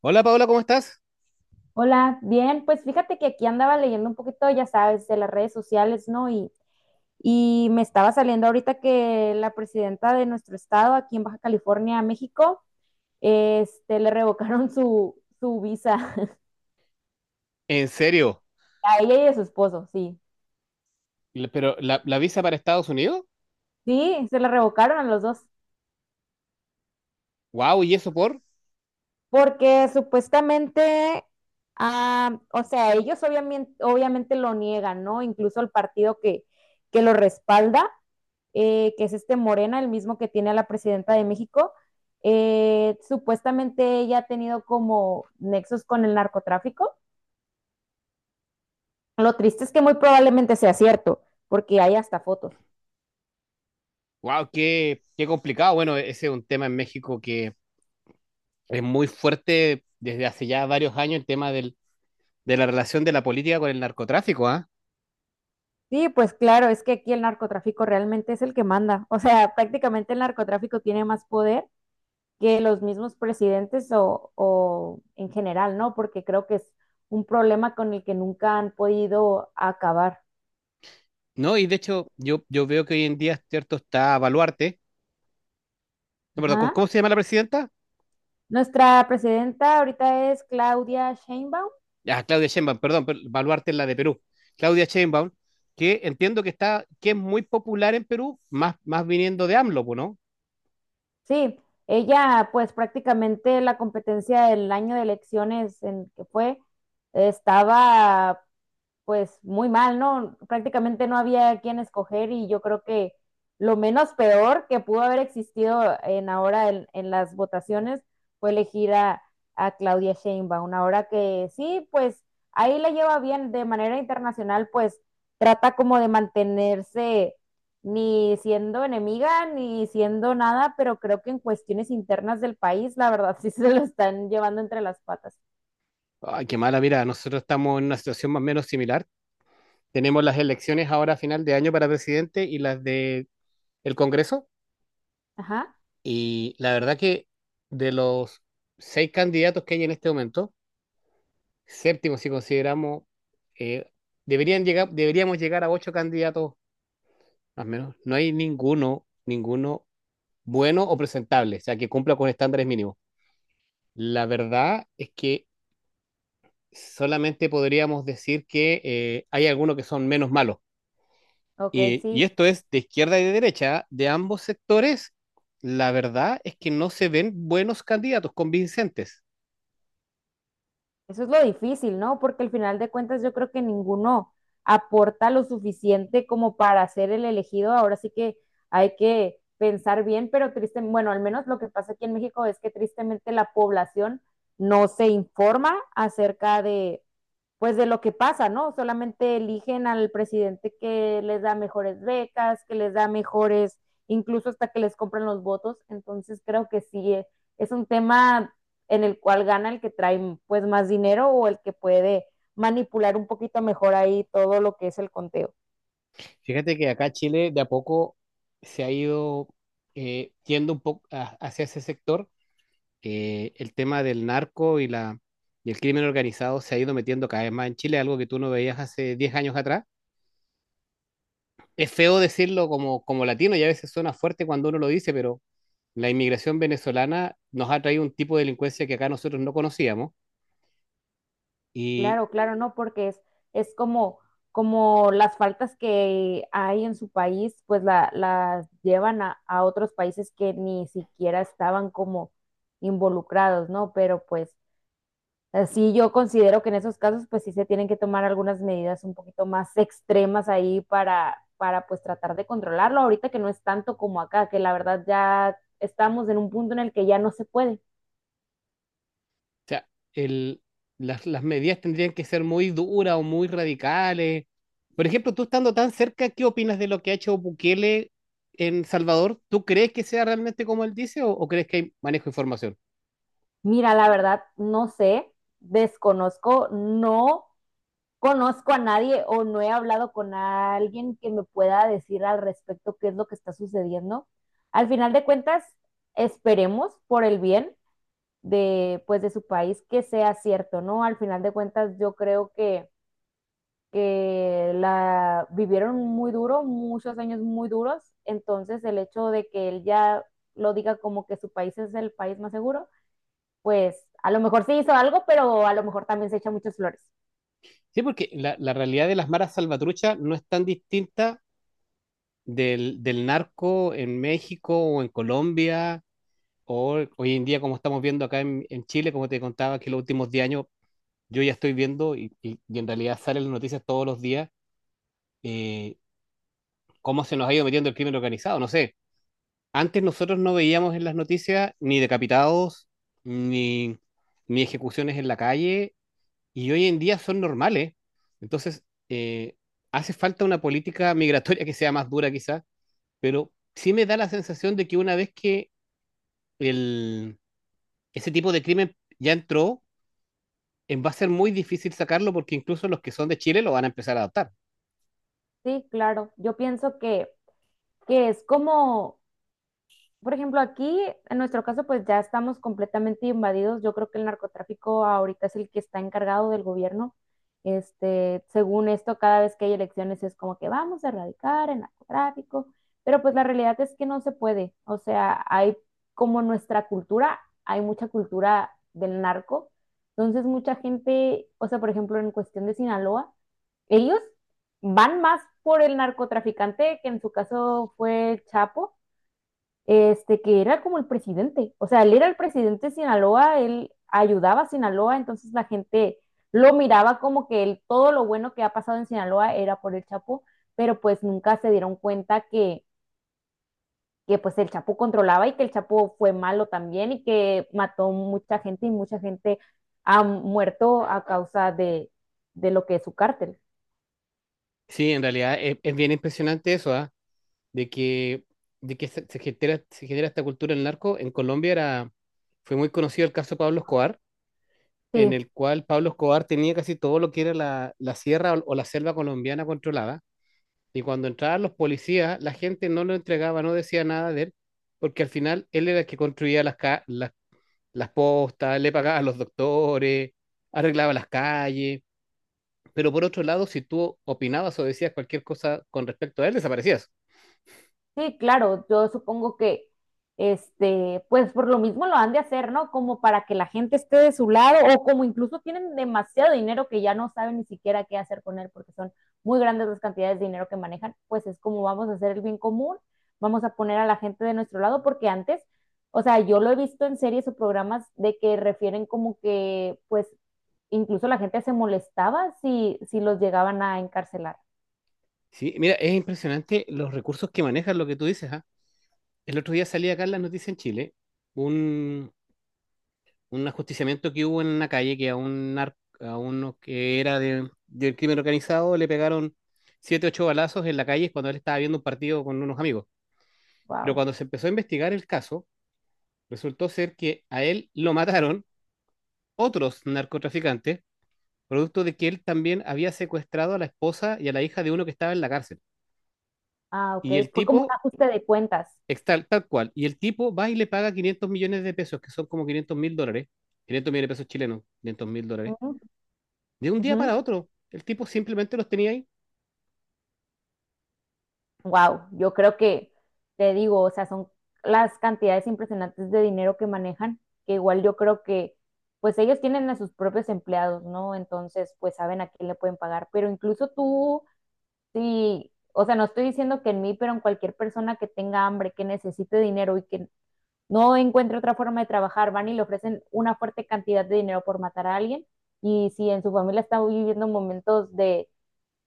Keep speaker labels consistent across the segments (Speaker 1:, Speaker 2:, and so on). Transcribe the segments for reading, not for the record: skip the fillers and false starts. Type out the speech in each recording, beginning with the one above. Speaker 1: Hola Paola, ¿cómo estás?
Speaker 2: Hola, bien, pues fíjate que aquí andaba leyendo un poquito, ya sabes, de las redes sociales, ¿no? Y me estaba saliendo ahorita que la presidenta de nuestro estado, aquí en Baja California, México, le revocaron su visa
Speaker 1: ¿En serio?
Speaker 2: a ella y a su esposo, sí.
Speaker 1: ¿Pero la visa para Estados Unidos?
Speaker 2: Sí, se la revocaron a los dos,
Speaker 1: ¡Wow! ¿Y eso por?
Speaker 2: porque supuestamente, o sea, ellos obviamente lo niegan, ¿no? Incluso el partido que lo respalda, que es este Morena, el mismo que tiene a la presidenta de México. Supuestamente ella ha tenido como nexos con el narcotráfico. Lo triste es que muy probablemente sea cierto, porque hay hasta fotos.
Speaker 1: ¡Wow! Qué complicado. Bueno, ese es un tema en México que es muy fuerte desde hace ya varios años, el tema de la relación de la política con el narcotráfico, ¿ah?
Speaker 2: Sí, pues claro, es que aquí el narcotráfico realmente es el que manda. O sea, prácticamente el narcotráfico tiene más poder que los mismos presidentes o en general, ¿no? Porque creo que es un problema con el que nunca han podido acabar.
Speaker 1: No, y de hecho yo veo que hoy en día, cierto, está Baluarte. No, perdón, ¿cómo,
Speaker 2: Ajá.
Speaker 1: cómo se llama la presidenta?
Speaker 2: Nuestra presidenta ahorita es Claudia Sheinbaum.
Speaker 1: Ah, Claudia Sheinbaum, perdón, pero Baluarte es la de Perú. Claudia Sheinbaum, que entiendo que está, que es muy popular en Perú, más viniendo de AMLO, pues, ¿no?
Speaker 2: Sí, ella pues prácticamente la competencia del año de elecciones en que fue estaba pues muy mal, ¿no? Prácticamente no había quien escoger y yo creo que lo menos peor que pudo haber existido en ahora en las votaciones fue elegir a Claudia Sheinbaum, ahora que sí, pues ahí la lleva bien de manera internacional, pues trata como de mantenerse ni siendo enemiga ni siendo nada, pero creo que en cuestiones internas del país, la verdad, sí se lo están llevando entre las patas.
Speaker 1: Ay, qué mala, mira, nosotros estamos en una situación más o menos similar. Tenemos las elecciones ahora a final de año para presidente y las de el Congreso.
Speaker 2: Ajá,
Speaker 1: Y la verdad que de los seis candidatos que hay en este momento, séptimo si consideramos, eh, deberíamos llegar a ocho candidatos más o menos. No hay ninguno, ninguno bueno o presentable, o sea, que cumpla con estándares mínimos. La verdad es que solamente podríamos decir que hay algunos que son menos malos.
Speaker 2: ok,
Speaker 1: Y
Speaker 2: sí.
Speaker 1: esto es de izquierda y de derecha, de ambos sectores, la verdad es que no se ven buenos candidatos convincentes.
Speaker 2: Eso es lo difícil, ¿no? Porque al final de cuentas yo creo que ninguno aporta lo suficiente como para ser el elegido. Ahora sí que hay que pensar bien, pero triste, bueno, al menos lo que pasa aquí en México es que tristemente la población no se informa acerca de pues de lo que pasa, ¿no? Solamente eligen al presidente que les da mejores becas, que les da mejores, incluso hasta que les compran los votos. Entonces creo que sí, es un tema en el cual gana el que trae pues más dinero o el que puede manipular un poquito mejor ahí todo lo que es el conteo.
Speaker 1: Fíjate que acá Chile de a poco se ha ido yendo un poco hacia ese sector. El tema del narco y el crimen organizado se ha ido metiendo cada vez más en Chile, algo que tú no veías hace 10 años atrás. Es feo decirlo como latino y a veces suena fuerte cuando uno lo dice, pero la inmigración venezolana nos ha traído un tipo de delincuencia que acá nosotros no conocíamos. Y,
Speaker 2: Claro, claro, no, porque es como, como las faltas que hay en su país, pues las llevan a otros países que ni siquiera estaban como involucrados, ¿no? Pero pues así yo considero que en esos casos, pues sí se tienen que tomar algunas medidas un poquito más extremas ahí para pues tratar de controlarlo. Ahorita que no es tanto como acá, que la verdad ya estamos en un punto en el que ya no se puede.
Speaker 1: o sea, el, las medidas tendrían que ser muy duras o muy radicales. Por ejemplo, tú estando tan cerca, ¿qué opinas de lo que ha hecho Bukele en Salvador? ¿Tú crees que sea realmente como él dice o, crees que hay manejo de información?
Speaker 2: Mira, la verdad, no sé, desconozco, no conozco a nadie o no he hablado con alguien que me pueda decir al respecto qué es lo que está sucediendo. Al final de cuentas, esperemos por el bien de, pues, de su país que sea cierto, ¿no? Al final de cuentas, yo creo que la vivieron muy duro, muchos años muy duros, entonces el hecho de que él ya lo diga como que su país es el país más seguro, pues a lo mejor sí hizo algo, pero a lo mejor también se echa muchas flores.
Speaker 1: Sí, porque la realidad de las maras salvatruchas no es tan distinta del narco en México o en Colombia o hoy en día como estamos viendo acá en Chile, como te contaba que los últimos 10 años yo ya estoy viendo y en realidad salen las noticias todos los días, eh, cómo se nos ha ido metiendo el crimen organizado. No sé, antes nosotros no veíamos en las noticias ni decapitados, ni, ni ejecuciones en la calle, y hoy en día son normales. Entonces, eh, hace falta una política migratoria que sea más dura quizás, pero sí me da la sensación de que una vez que el, ese tipo de crimen ya entró, va a ser muy difícil sacarlo porque incluso los que son de Chile lo van a empezar a adoptar.
Speaker 2: Sí, claro. Yo pienso que es como por ejemplo, aquí, en nuestro caso, pues ya estamos completamente invadidos. Yo creo que el narcotráfico ahorita es el que está encargado del gobierno. Este, según esto, cada vez que hay elecciones es como que vamos a erradicar el narcotráfico, pero pues la realidad es que no se puede. O sea, hay como nuestra cultura, hay mucha cultura del narco. Entonces, mucha gente, o sea, por ejemplo, en cuestión de Sinaloa, ellos van más por el narcotraficante, que en su caso fue el Chapo, este, que era como el presidente. O sea, él era el presidente de Sinaloa, él ayudaba a Sinaloa, entonces la gente lo miraba como que él, todo lo bueno que ha pasado en Sinaloa era por el Chapo, pero pues nunca se dieron cuenta que pues el Chapo controlaba y que el Chapo fue malo también y que mató mucha gente y mucha gente ha muerto a causa de lo que es su cártel.
Speaker 1: Sí, en realidad es bien impresionante eso, ¿ah? de que, de que se genera esta cultura del narco. En Colombia fue muy conocido el caso de Pablo Escobar, en
Speaker 2: Sí.
Speaker 1: el cual Pablo Escobar tenía casi todo lo que era la sierra o la selva colombiana controlada. Y cuando entraban los policías, la gente no lo entregaba, no decía nada de él, porque al final él era el que construía las postas, le pagaba a los doctores, arreglaba las calles. Pero por otro lado, si tú opinabas o decías cualquier cosa con respecto a él, desaparecías.
Speaker 2: Sí, claro, yo supongo este, pues por lo mismo lo han de hacer, ¿no? Como para que la gente esté de su lado o como incluso tienen demasiado dinero que ya no saben ni siquiera qué hacer con él porque son muy grandes las cantidades de dinero que manejan, pues es como vamos a hacer el bien común, vamos a poner a la gente de nuestro lado porque antes, o sea, yo lo he visto en series o programas de que refieren como que, pues, incluso la gente se molestaba si los llegaban a encarcelar.
Speaker 1: Sí, mira, es impresionante los recursos que manejan lo que tú dices, ¿ah? El otro día salía acá en las noticias en Chile un, un ajusticiamiento que hubo en una calle que a a uno que era del crimen organizado le pegaron siete, ocho balazos en la calle cuando él estaba viendo un partido con unos amigos. Pero
Speaker 2: Wow.
Speaker 1: cuando se empezó a investigar el caso, resultó ser que a él lo mataron otros narcotraficantes, producto de que él también había secuestrado a la esposa y a la hija de uno que estaba en la cárcel.
Speaker 2: Ah, ok,
Speaker 1: Y el
Speaker 2: fue como un
Speaker 1: tipo
Speaker 2: ajuste de cuentas.
Speaker 1: Tal cual. Y el tipo va y le paga 500 millones de pesos, que son como 500 mil dólares, 500 millones de pesos chilenos, 500 mil dólares, de un día para otro. El tipo simplemente los tenía ahí.
Speaker 2: Wow, yo creo que te digo, o sea, son las cantidades impresionantes de dinero que manejan, que igual yo creo que pues ellos tienen a sus propios empleados, ¿no? Entonces, pues saben a quién le pueden pagar, pero incluso tú, sí, o sea, no estoy diciendo que en mí, pero en cualquier persona que tenga hambre, que necesite dinero y que no encuentre otra forma de trabajar, van y le ofrecen una fuerte cantidad de dinero por matar a alguien. Y si en su familia está viviendo momentos de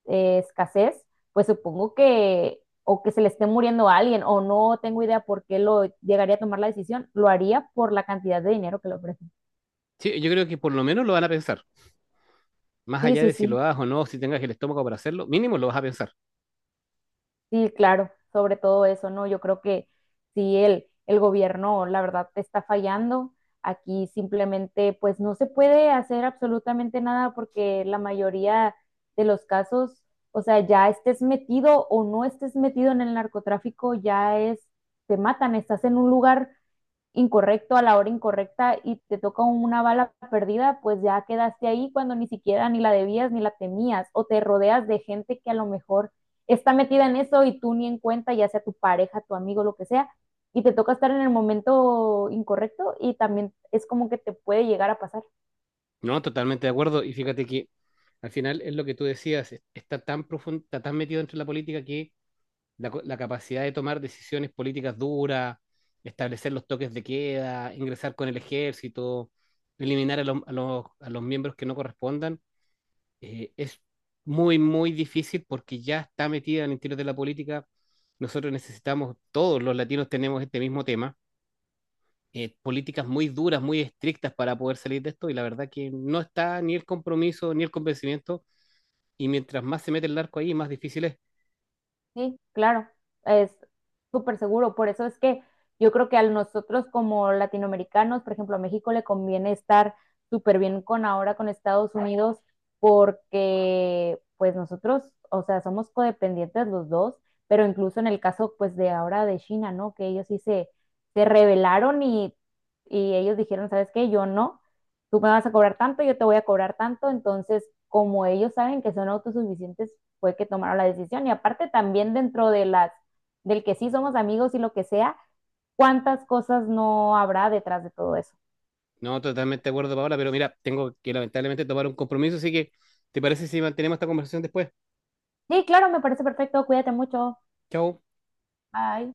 Speaker 2: escasez, pues supongo que o que se le esté muriendo a alguien o no tengo idea por qué lo llegaría a tomar la decisión, lo haría por la cantidad de dinero que le ofrecen.
Speaker 1: Sí, yo creo que por lo menos lo van a pensar. Más
Speaker 2: Sí,
Speaker 1: allá
Speaker 2: sí,
Speaker 1: de si lo
Speaker 2: sí,
Speaker 1: hagas o no, si tengas el estómago para hacerlo, mínimo lo vas a pensar.
Speaker 2: sí, claro, sobre todo eso, ¿no? Yo creo que si el gobierno, la verdad, te está fallando, aquí simplemente pues no se puede hacer absolutamente nada porque la mayoría de los casos, o sea, ya estés metido o no estés metido en el narcotráfico, ya es, te matan, estás en un lugar incorrecto a la hora incorrecta y te toca una bala perdida, pues ya quedaste ahí cuando ni siquiera ni la debías ni la temías o te rodeas de gente que a lo mejor está metida en eso y tú ni en cuenta, ya sea tu pareja, tu amigo, lo que sea, y te toca estar en el momento incorrecto y también es como que te puede llegar a pasar.
Speaker 1: No, totalmente de acuerdo. Y fíjate que al final es lo que tú decías, está tan profundo, está tan metido dentro de la política que la capacidad de tomar decisiones políticas duras, establecer los toques de queda, ingresar con el ejército, eliminar a los miembros que no correspondan, es muy, muy difícil porque ya está metida en el interior de la política. Nosotros necesitamos, todos los latinos tenemos este mismo tema, políticas muy duras, muy estrictas para poder salir de esto y la verdad que no está ni el compromiso ni el convencimiento y mientras más se mete el narco ahí, más difícil es.
Speaker 2: Sí, claro, es súper seguro. Por eso es que yo creo que a nosotros como latinoamericanos, por ejemplo, a México le conviene estar súper bien con ahora con Estados Unidos porque pues nosotros, o sea, somos codependientes los dos, pero incluso en el caso pues de ahora de China, ¿no? Que ellos sí se rebelaron y ellos dijeron, ¿sabes qué? Yo no, tú me vas a cobrar tanto, yo te voy a cobrar tanto, entonces como ellos saben que son autosuficientes, fue que tomaron la decisión y aparte también dentro de las del que sí somos amigos y lo que sea, cuántas cosas no habrá detrás de todo eso.
Speaker 1: No, totalmente de acuerdo, Paola, pero mira, tengo que lamentablemente tomar un compromiso, así que ¿te parece si mantenemos esta conversación después?
Speaker 2: Sí, claro, me parece perfecto, cuídate mucho.
Speaker 1: Chao.
Speaker 2: Bye.